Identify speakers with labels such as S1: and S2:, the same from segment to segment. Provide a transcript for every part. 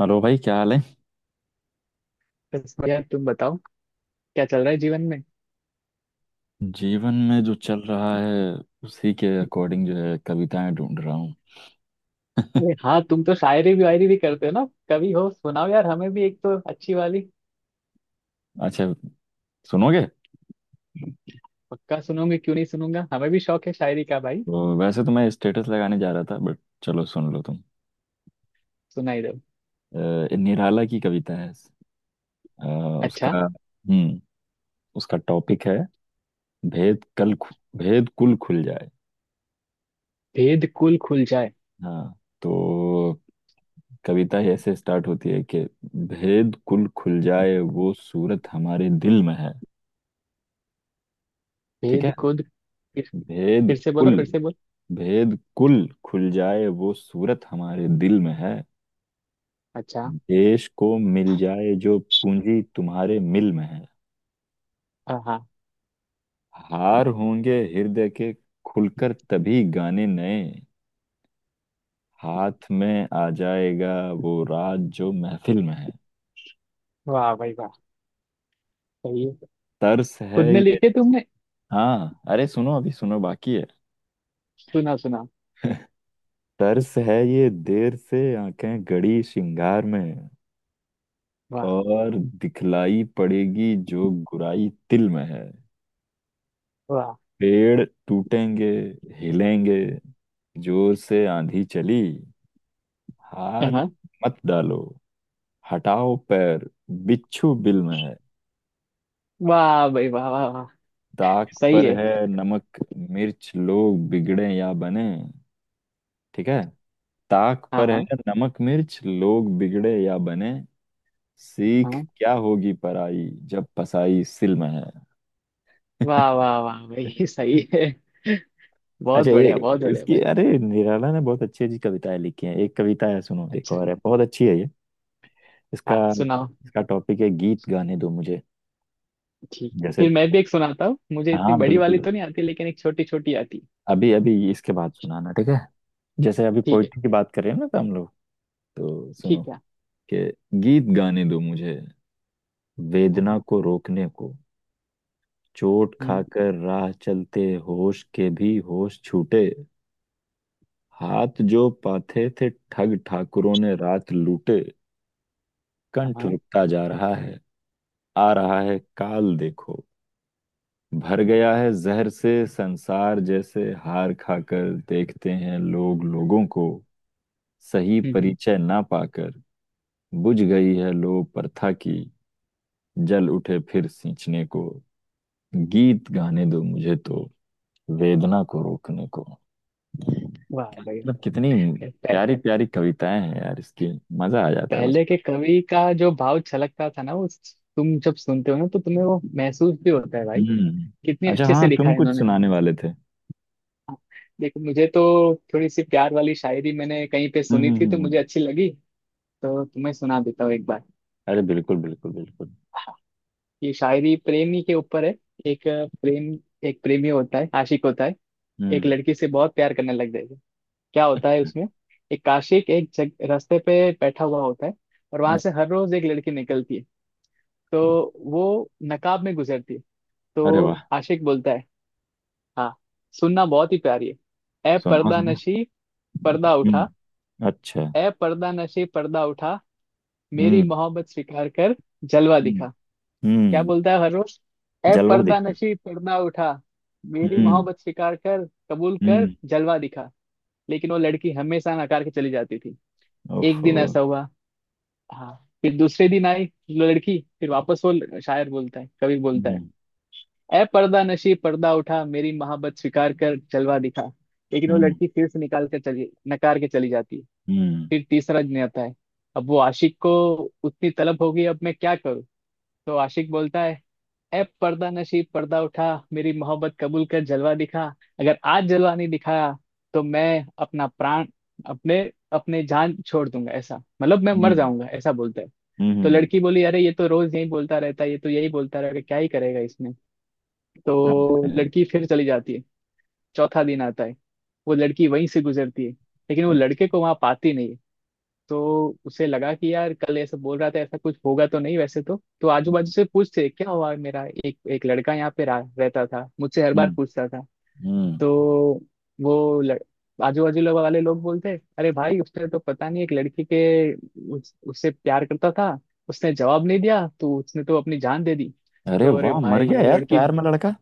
S1: Hello भाई, क्या हाल है।
S2: बस बढ़िया, तुम बताओ। क्या चल रहा है जीवन में?
S1: जीवन में जो चल रहा है उसी के अकॉर्डिंग जो है कविताएं ढूंढ रहा हूँ।
S2: अरे हाँ, तुम तो शायरी भी वायरी भी करते हो ना। कभी हो सुनाओ यार, हमें भी एक तो अच्छी वाली।
S1: अच्छा, सुनोगे?
S2: पक्का सुनोगे क्यों नहीं, सुनूंगा, हमें भी शौक है शायरी का भाई।
S1: तो वैसे तो मैं स्टेटस लगाने जा रहा था, बट चलो सुन लो तुम।
S2: सुनाई दो।
S1: निराला की कविता है। अ,
S2: अच्छा,
S1: उसका उसका टॉपिक है, भेद कल खु- भेद कुल खुल जाए।
S2: भेद कुल खुल जाए।
S1: हाँ, तो कविता ही ऐसे स्टार्ट होती है कि भेद कुल खुल जाए वो सूरत हमारे दिल में है। ठीक है।
S2: भेद खुद। फिर,
S1: भेद
S2: फिर से बोलो,
S1: कुल
S2: फिर से बोलो।
S1: भेद कुल खुल जाए वो सूरत हमारे दिल में है।
S2: अच्छा।
S1: देश को मिल जाए जो पूंजी तुम्हारे मिल में है।
S2: हाँ हाँ।
S1: हार होंगे हृदय के, खुलकर तभी गाने नए, हाथ में आ जाएगा वो राज जो महफिल में है।
S2: वाह भाई वाह, सही है।
S1: तर्स है
S2: खुद ने
S1: ये।
S2: लिखे तुमने?
S1: हाँ अरे, सुनो अभी, सुनो बाकी है।
S2: सुना सुना।
S1: तर्स है ये देर से आंखें गड़ी श्रृंगार में,
S2: वाह
S1: और दिखलाई पड़ेगी जो गुराई तिल में है।
S2: वाह।
S1: पेड़ टूटेंगे, हिलेंगे, जोर से आंधी चली। हाथ
S2: हाँ।
S1: मत डालो, हटाओ पैर, बिच्छू बिल में है।
S2: वाह भाई वाह वाह वाह,
S1: ताक
S2: सही
S1: पर
S2: है।
S1: है नमक मिर्च, लोग बिगड़े या बने। ठीक है। ताक
S2: हाँ
S1: पर है
S2: हाँ।
S1: नमक मिर्च, लोग बिगड़े या बने। सीख
S2: हाँ।
S1: क्या होगी पराई जब पसाई सिल में है।
S2: वाह वाह वाह भाई सही है।
S1: अच्छा
S2: बहुत
S1: ये,
S2: बढ़िया, बहुत बढ़िया
S1: इसकी,
S2: भाई।
S1: अरे निराला ने बहुत अच्छी अच्छी कविताएं लिखी हैं। एक कविता है, सुनो, एक
S2: अच्छा।
S1: और है बहुत अच्छी है ये। इसका
S2: हाँ, सुनाओ।
S1: इसका टॉपिक है, गीत गाने दो मुझे।
S2: ठीक,
S1: जैसे,
S2: फिर मैं भी एक सुनाता हूँ। मुझे
S1: हाँ
S2: इतनी बड़ी वाली
S1: बिल्कुल।
S2: तो नहीं आती, लेकिन एक छोटी छोटी आती।
S1: अभी अभी इसके बाद सुनाना, ठीक है? जैसे अभी
S2: ठीक है।
S1: पोइट्री की बात करें ना, तो हम लोग, तो सुनो,
S2: ठीक है।
S1: कि, गीत गाने दो मुझे,
S2: हाँ।
S1: वेदना को रोकने को। चोट
S2: हम्म।
S1: खाकर राह चलते होश के भी होश छूटे। हाथ जो पाथे थे ठग ठाकुरों ने रात लूटे।
S2: हाँ।
S1: कंठ
S2: हम्म।
S1: रुकता जा रहा है, आ रहा है काल देखो, भर गया है जहर से संसार। जैसे हार खाकर देखते हैं लोग लोगों को, सही
S2: हम्म।
S1: परिचय ना पाकर। बुझ गई है लो प्रथा की, जल उठे फिर सींचने को। गीत गाने दो मुझे तो, वेदना को रोकने को।
S2: वाह भाई
S1: मतलब
S2: वाह।
S1: कितनी प्यारी
S2: पह-
S1: प्यारी कविताएं हैं यार इसकी, मजा आ जाता है बस।
S2: पहले के कवि का जो भाव छलकता था ना वो, तुम जब सुनते हो ना तो तुम्हें वो महसूस भी होता है भाई।
S1: हम्म।
S2: कितने
S1: अच्छा
S2: अच्छे से
S1: हाँ,
S2: लिखा
S1: तुम
S2: है
S1: कुछ
S2: इन्होंने।
S1: सुनाने वाले थे।
S2: देखो, मुझे तो थोड़ी सी प्यार वाली शायरी मैंने कहीं पे
S1: हम्म,
S2: सुनी थी तो मुझे अच्छी लगी। तो तुम्हें सुना देता हूँ एक बार।
S1: अरे बिल्कुल बिल्कुल बिल्कुल।
S2: ये शायरी प्रेमी के ऊपर है। एक प्रेम, एक प्रेमी होता है, आशिक होता है। एक
S1: हम्म।
S2: लड़की से बहुत प्यार करने लग जाएगा। क्या होता है उसमें, एक काशिक एक रास्ते पे बैठा हुआ होता है। और वहां से
S1: अच्छा।
S2: हर रोज एक लड़की निकलती है। तो वो नकाब में गुजरती है।
S1: अरे
S2: तो
S1: वाह,
S2: आशिक बोलता है, हाँ सुनना, बहुत ही प्यारी है। ए
S1: सुनाओ
S2: पर्दा
S1: सुनाओ।
S2: नशी, पर्दा उठा।
S1: हम्म, अच्छा।
S2: ए पर्दा नशी, पर्दा उठा, मेरी
S1: हम्म,
S2: मोहब्बत स्वीकार कर, जलवा
S1: हम्म,
S2: दिखा। क्या
S1: हम्म,
S2: बोलता है हर रोज। ए
S1: जलवा
S2: पर्दा
S1: दिखता
S2: नशी, पर्दा उठा,
S1: है।
S2: मेरी
S1: हम्म,
S2: मोहब्बत स्वीकार कर, कबूल कर,
S1: हम्म।
S2: जलवा दिखा। लेकिन वो लड़की हमेशा नकार के चली जाती थी। एक
S1: ओफो।
S2: दिन ऐसा हुआ, हाँ, फिर दूसरे दिन आई लड़की फिर वापस वो शायर बोलता है, कवि बोलता है,
S1: हम्म,
S2: ए पर्दा नशी पर्दा उठा, मेरी मोहब्बत स्वीकार कर, जलवा दिखा। लेकिन वो
S1: हम्म,
S2: लड़की फिर से निकाल कर चली, नकार के चली जाती है।
S1: हम्म,
S2: फिर तीसरा दिन आता है। अब वो आशिक को उतनी तलब हो गई, अब मैं क्या करूँ। तो आशिक बोलता है, ए पर्दा नशीब पर्दा उठा, मेरी मोहब्बत कबूल कर, जलवा दिखा। अगर आज जलवा नहीं दिखाया, तो मैं अपना प्राण, अपने अपने जान छोड़ दूंगा, ऐसा, मतलब मैं मर
S1: हम्म,
S2: जाऊंगा, ऐसा बोलता है। तो
S1: हम्म।
S2: लड़की बोली, अरे ये तो रोज यही बोलता रहता है, ये तो यही बोलता रहेगा, क्या ही करेगा इसने।
S1: अब दिख
S2: तो
S1: रहा है।
S2: लड़की फिर चली जाती है। चौथा दिन आता है, वो लड़की वहीं से गुजरती है, लेकिन वो लड़के
S1: अच्छा।
S2: को वहां पाती नहीं है। तो उसे लगा कि यार कल ऐसा बोल रहा था, ऐसा कुछ होगा तो नहीं, वैसे तो आजू बाजू से पूछते क्या हुआ, मेरा एक एक लड़का यहाँ पे रहता था, मुझसे हर बार
S1: हम्म,
S2: पूछता था।
S1: हम्म।
S2: तो वो लड़... आजू बाजू लोग वाले लोग बोलते, अरे भाई उसने तो पता नहीं एक लड़की के उससे प्यार करता था, उसने जवाब नहीं दिया तो उसने तो अपनी जान दे दी।
S1: अरे
S2: तो अरे
S1: वाह, मर
S2: भाई
S1: गया
S2: वो
S1: यार
S2: लड़की
S1: प्यार में लड़का।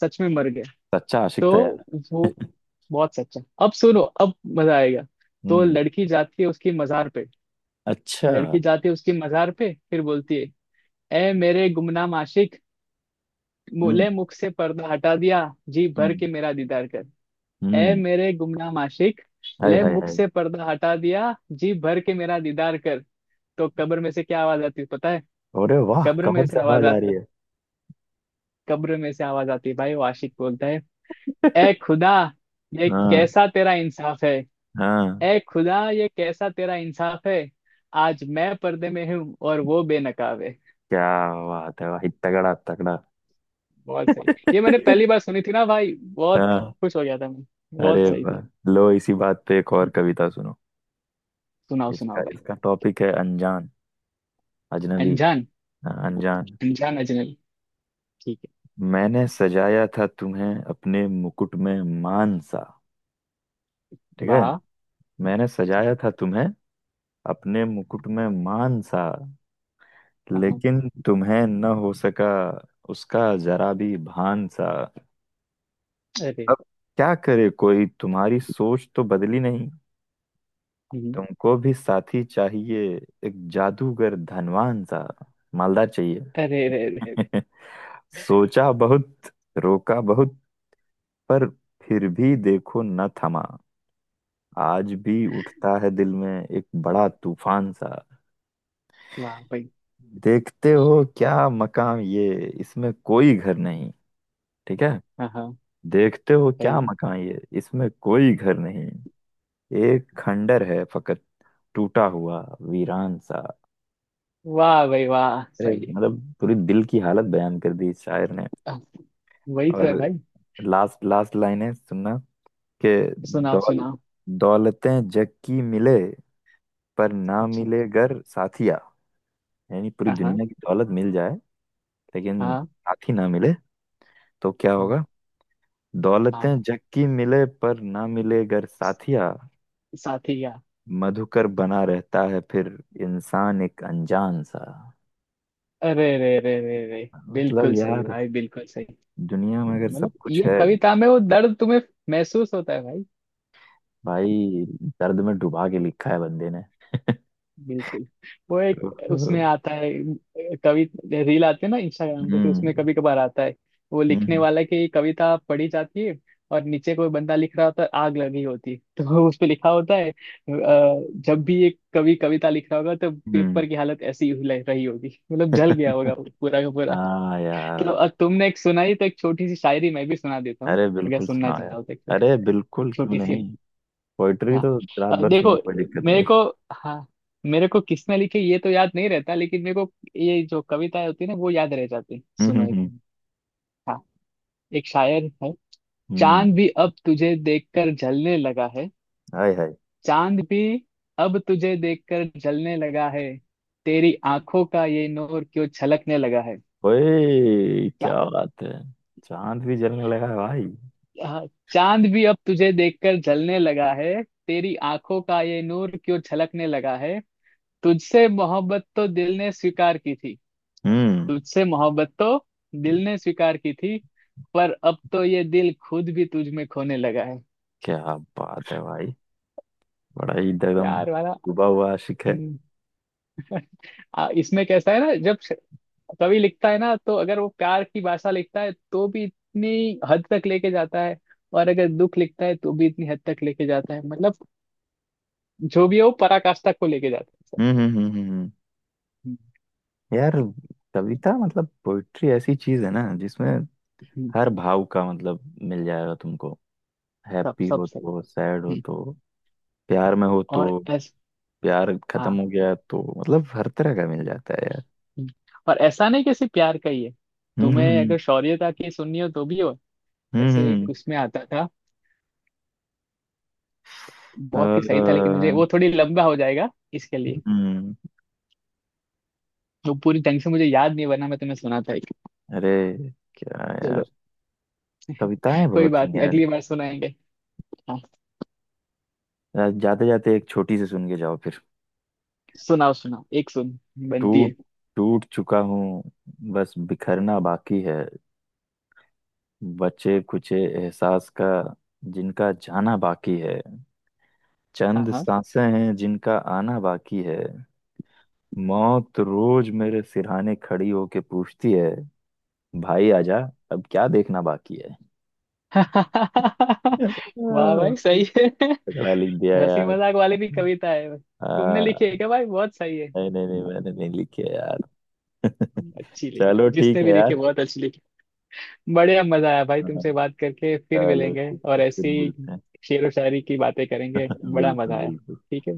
S2: सच में मर गई।
S1: सच्चा आशिक
S2: तो
S1: था यार।
S2: वो बहुत सच्चा, अब सुनो अब मजा आएगा। तो
S1: हम्म।
S2: लड़की जाती है उसकी मजार पे।
S1: अच्छा।
S2: लड़की जाती है उसकी मजार पे, फिर बोलती है, ए मेरे गुमनाम आशिक,
S1: हम्म,
S2: ले मुख से पर्दा हटा दिया, जी भर
S1: हम्म,
S2: के मेरा दीदार कर। ए
S1: हम्म।
S2: मेरे गुमनाम आशिक,
S1: हाय
S2: ले
S1: हाय
S2: मुख
S1: हाय।
S2: से पर्दा हटा दिया, जी भर के मेरा दीदार कर। तो कब्र में से क्या आवाज आती है पता है?
S1: अरे वाह,
S2: कब्र में
S1: कमर
S2: से
S1: से
S2: आवाज
S1: आवाज आ
S2: आती,
S1: रही है।
S2: कब्र में से आवाज आती है भाई, वो आशिक बोलता है, ए खुदा, ये
S1: हाँ,
S2: कैसा तेरा इंसाफ है।
S1: हाँ।
S2: ए खुदा, ये कैसा तेरा इंसाफ है, आज मैं पर्दे में हूँ और वो बेनकाब है।
S1: क्या बात है भाई, तगड़ा तगड़ा।
S2: बहुत सही, ये मैंने पहली बार सुनी थी ना भाई, बहुत
S1: हाँ।
S2: खुश हो गया था मैं। बहुत
S1: अरे
S2: सही थी।
S1: वाह, लो इसी बात पे एक और
S2: हम्म,
S1: कविता सुनो।
S2: सुनाओ
S1: इसका
S2: सुनाओ भाई।
S1: इसका टॉपिक है अनजान, अजनबी।
S2: अनजान।
S1: हाँ, अनजान।
S2: अनजान अजनबी। ठीक
S1: मैंने सजाया था तुम्हें अपने मुकुट में मान सा।
S2: है।
S1: ठीक है।
S2: वाह।
S1: मैंने
S2: ठीक
S1: सजाया था तुम्हें अपने मुकुट में मान सा।
S2: है। हाँ।
S1: लेकिन तुम्हें न हो सका उसका जरा भी भान सा।
S2: अरे।
S1: अब क्या करे कोई, तुम्हारी सोच तो बदली नहीं।
S2: हम्म।
S1: तुमको भी साथी चाहिए, एक जादूगर धनवान सा, मालदार चाहिए।
S2: अरे अरे अरे।
S1: सोचा बहुत, रोका बहुत, पर फिर भी देखो न थमा, आज भी उठता है दिल में एक बड़ा तूफान सा।
S2: वाह भाई।
S1: देखते हो क्या मकाम ये, इसमें कोई घर नहीं। ठीक है।
S2: हाँ हाँ।
S1: देखते हो
S2: सही
S1: क्या
S2: है।
S1: मकान ये, इसमें कोई घर नहीं। एक खंडर है फकत, टूटा हुआ वीरान सा।
S2: वाह भाई वाह,
S1: अरे,
S2: सही है।
S1: मतलब पूरी दिल की हालत बयान कर दी इस शायर ने।
S2: आह, वही तो है
S1: और
S2: भाई।
S1: लास्ट लास्ट लाइन है, सुनना, के,
S2: सुनाओ
S1: दौल
S2: सुनाओ।
S1: दौलतें जग की मिले पर ना
S2: अच्छा।
S1: मिले घर साथिया। यानी पूरी
S2: हाँ हाँ।
S1: दुनिया की दौलत मिल जाए, लेकिन
S2: हाँ।
S1: साथी ना मिले तो क्या
S2: हाँ।
S1: होगा।
S2: हाँ,
S1: दौलतें जग की मिले पर ना मिले घर साथिया,
S2: साथी का।
S1: मधुकर बना रहता है फिर इंसान एक अनजान सा।
S2: अरे अरे अरे अरे अरे।
S1: मतलब
S2: बिल्कुल सही
S1: यार,
S2: भाई, बिल्कुल सही।
S1: दुनिया में अगर
S2: मतलब
S1: सब कुछ
S2: ये
S1: है,
S2: कविता में वो दर्द तुम्हें महसूस होता है भाई।
S1: भाई, दर्द में डुबा के लिखा है बंदे ने।
S2: बिल्कुल। वो एक उसमें
S1: हम्म,
S2: आता है, कवि, रील आते हैं ना इंस्टाग्राम पे, तो उसमें कभी कभार आता है, वो लिखने
S1: हम्म,
S2: वाला की कविता पढ़ी जाती है, और नीचे कोई बंदा लिख रहा होता है आग लगी होती है। तो उस पे लिखा होता है जब भी एक कवि कविता लिख रहा होगा तो
S1: हम्म।
S2: पेपर की हालत ऐसी ही रही होगी, मतलब जल गया होगा वो पूरा का पूरा।
S1: हाँ
S2: तो
S1: यार।
S2: अब तुमने एक सुनाई तो एक छोटी सी शायरी मैं भी सुना देता हूँ,
S1: अरे
S2: अगर
S1: बिल्कुल,
S2: सुनना
S1: सुनाओ
S2: चाहो तो, एक
S1: यार।
S2: छोटी,
S1: अरे बिल्कुल,
S2: एक
S1: क्यों
S2: छोटी
S1: नहीं,
S2: सी।
S1: पोइट्री
S2: हाँ,
S1: तो रात
S2: अब
S1: भर
S2: देखो,
S1: सुनो, कोई दिक्कत
S2: मेरे
S1: नहीं।
S2: को, हाँ, मेरे को किसने लिखी ये तो याद नहीं रहता, लेकिन मेरे को ये जो कविताएं होती है ना वो याद रह जाती।
S1: हम्म, हम्म,
S2: सुनो एक,
S1: हम्म,
S2: हाँ, एक शायर है।
S1: हम्म।
S2: चांद भी अब तुझे देखकर जलने लगा है।
S1: हाय हाय।
S2: चांद भी अब तुझे देखकर जलने लगा है, तेरी आंखों का ये नूर क्यों छलकने लगा है।
S1: ओए
S2: चा,
S1: क्या बात है, चांद भी जलने लगा है भाई।
S2: हाँ, चांद भी अब तुझे देखकर जलने लगा है, तेरी आंखों का ये नूर क्यों छलकने लगा है। तुझसे मोहब्बत तो दिल ने स्वीकार की थी।
S1: हम्म।
S2: तुझसे मोहब्बत तो दिल ने स्वीकार की थी, पर अब तो ये दिल खुद भी तुझ में खोने लगा है।
S1: क्या बात है भाई, बड़ा ही एकदम
S2: प्यार वाला।
S1: डूबा हुआ आशिक है।
S2: हम्म। इसमें कैसा है ना, जब कवि लिखता है ना, तो अगर वो प्यार की भाषा लिखता है तो भी इतनी हद तक लेके जाता है, और अगर दुख लिखता है तो भी इतनी हद तक लेके जाता है, मतलब जो भी है वो पराकाष्ठा को लेके जाता है सब।
S1: हम्म, हम्म, हम्म,
S2: हम्म।
S1: यार, कविता मतलब पोइट्री ऐसी चीज है ना, जिसमें
S2: हम्म।
S1: हर भाव का मतलब मिल जाएगा तुमको।
S2: सब
S1: हैप्पी
S2: सब
S1: हो
S2: सही।
S1: तो, सैड हो
S2: हम्म।
S1: तो, प्यार में हो तो,
S2: और ऐसा,
S1: प्यार खत्म
S2: हाँ,
S1: हो गया तो, मतलब हर तरह का मिल जाता है यार।
S2: हम्म, और ऐसा नहीं कि सिर्फ प्यार का ही है।
S1: हम्म,
S2: तुम्हें
S1: हम्म,
S2: अगर शौर्यता की सुननी हो तो भी हो।
S1: हम्म, हम्म,
S2: जैसे एक उसमें आता था,
S1: अ,
S2: बहुत ही सही था, लेकिन मुझे वो थोड़ी लंबा हो जाएगा इसके लिए।
S1: हम्म,
S2: वो पूरी ढंग से मुझे याद नहीं, बना मैं तुम्हें सुनाता एक,
S1: अरे क्या
S2: चलो
S1: यार, कविताएं
S2: कोई
S1: बहुत ही
S2: बात नहीं,
S1: यार।
S2: अगली बार सुनाएंगे। हाँ,
S1: जाते जाते एक छोटी सी सुन के जाओ फिर।
S2: सुनाओ सुनाओ, एक सुन बनती है।
S1: टूट टूट चुका हूँ, बस बिखरना बाकी है। बचे कुचे एहसास का जिनका जाना बाकी है।
S2: हाँ
S1: चंद
S2: हाँ।
S1: सांसें हैं जिनका आना बाकी है। मौत रोज मेरे सिरहाने खड़ी होके पूछती है, भाई आजा, अब क्या देखना बाकी है। आह।
S2: वाह भाई
S1: भाई,
S2: सही है।
S1: तगड़ा लिख दिया
S2: हंसी
S1: यार।
S2: मजाक वाली भी कविता है, तुमने लिखी है
S1: आह,
S2: क्या भाई? बहुत सही है।
S1: नहीं नहीं नहीं, मैंने नहीं लिखे यार।
S2: अच्छी लिखी है,
S1: चलो ठीक
S2: जिसने भी
S1: है
S2: लिखी
S1: यार।
S2: बहुत अच्छी लिखी। बढ़िया, मजा आया भाई
S1: हाँ,
S2: तुमसे बात करके, फिर
S1: चलो
S2: मिलेंगे
S1: ठीक
S2: और
S1: है, फिर
S2: ऐसी
S1: मिलते हैं।
S2: शेर व शायरी की बातें करेंगे। बड़ा मजा
S1: बिल्कुल
S2: आया।
S1: बिल्कुल।
S2: ठीक है।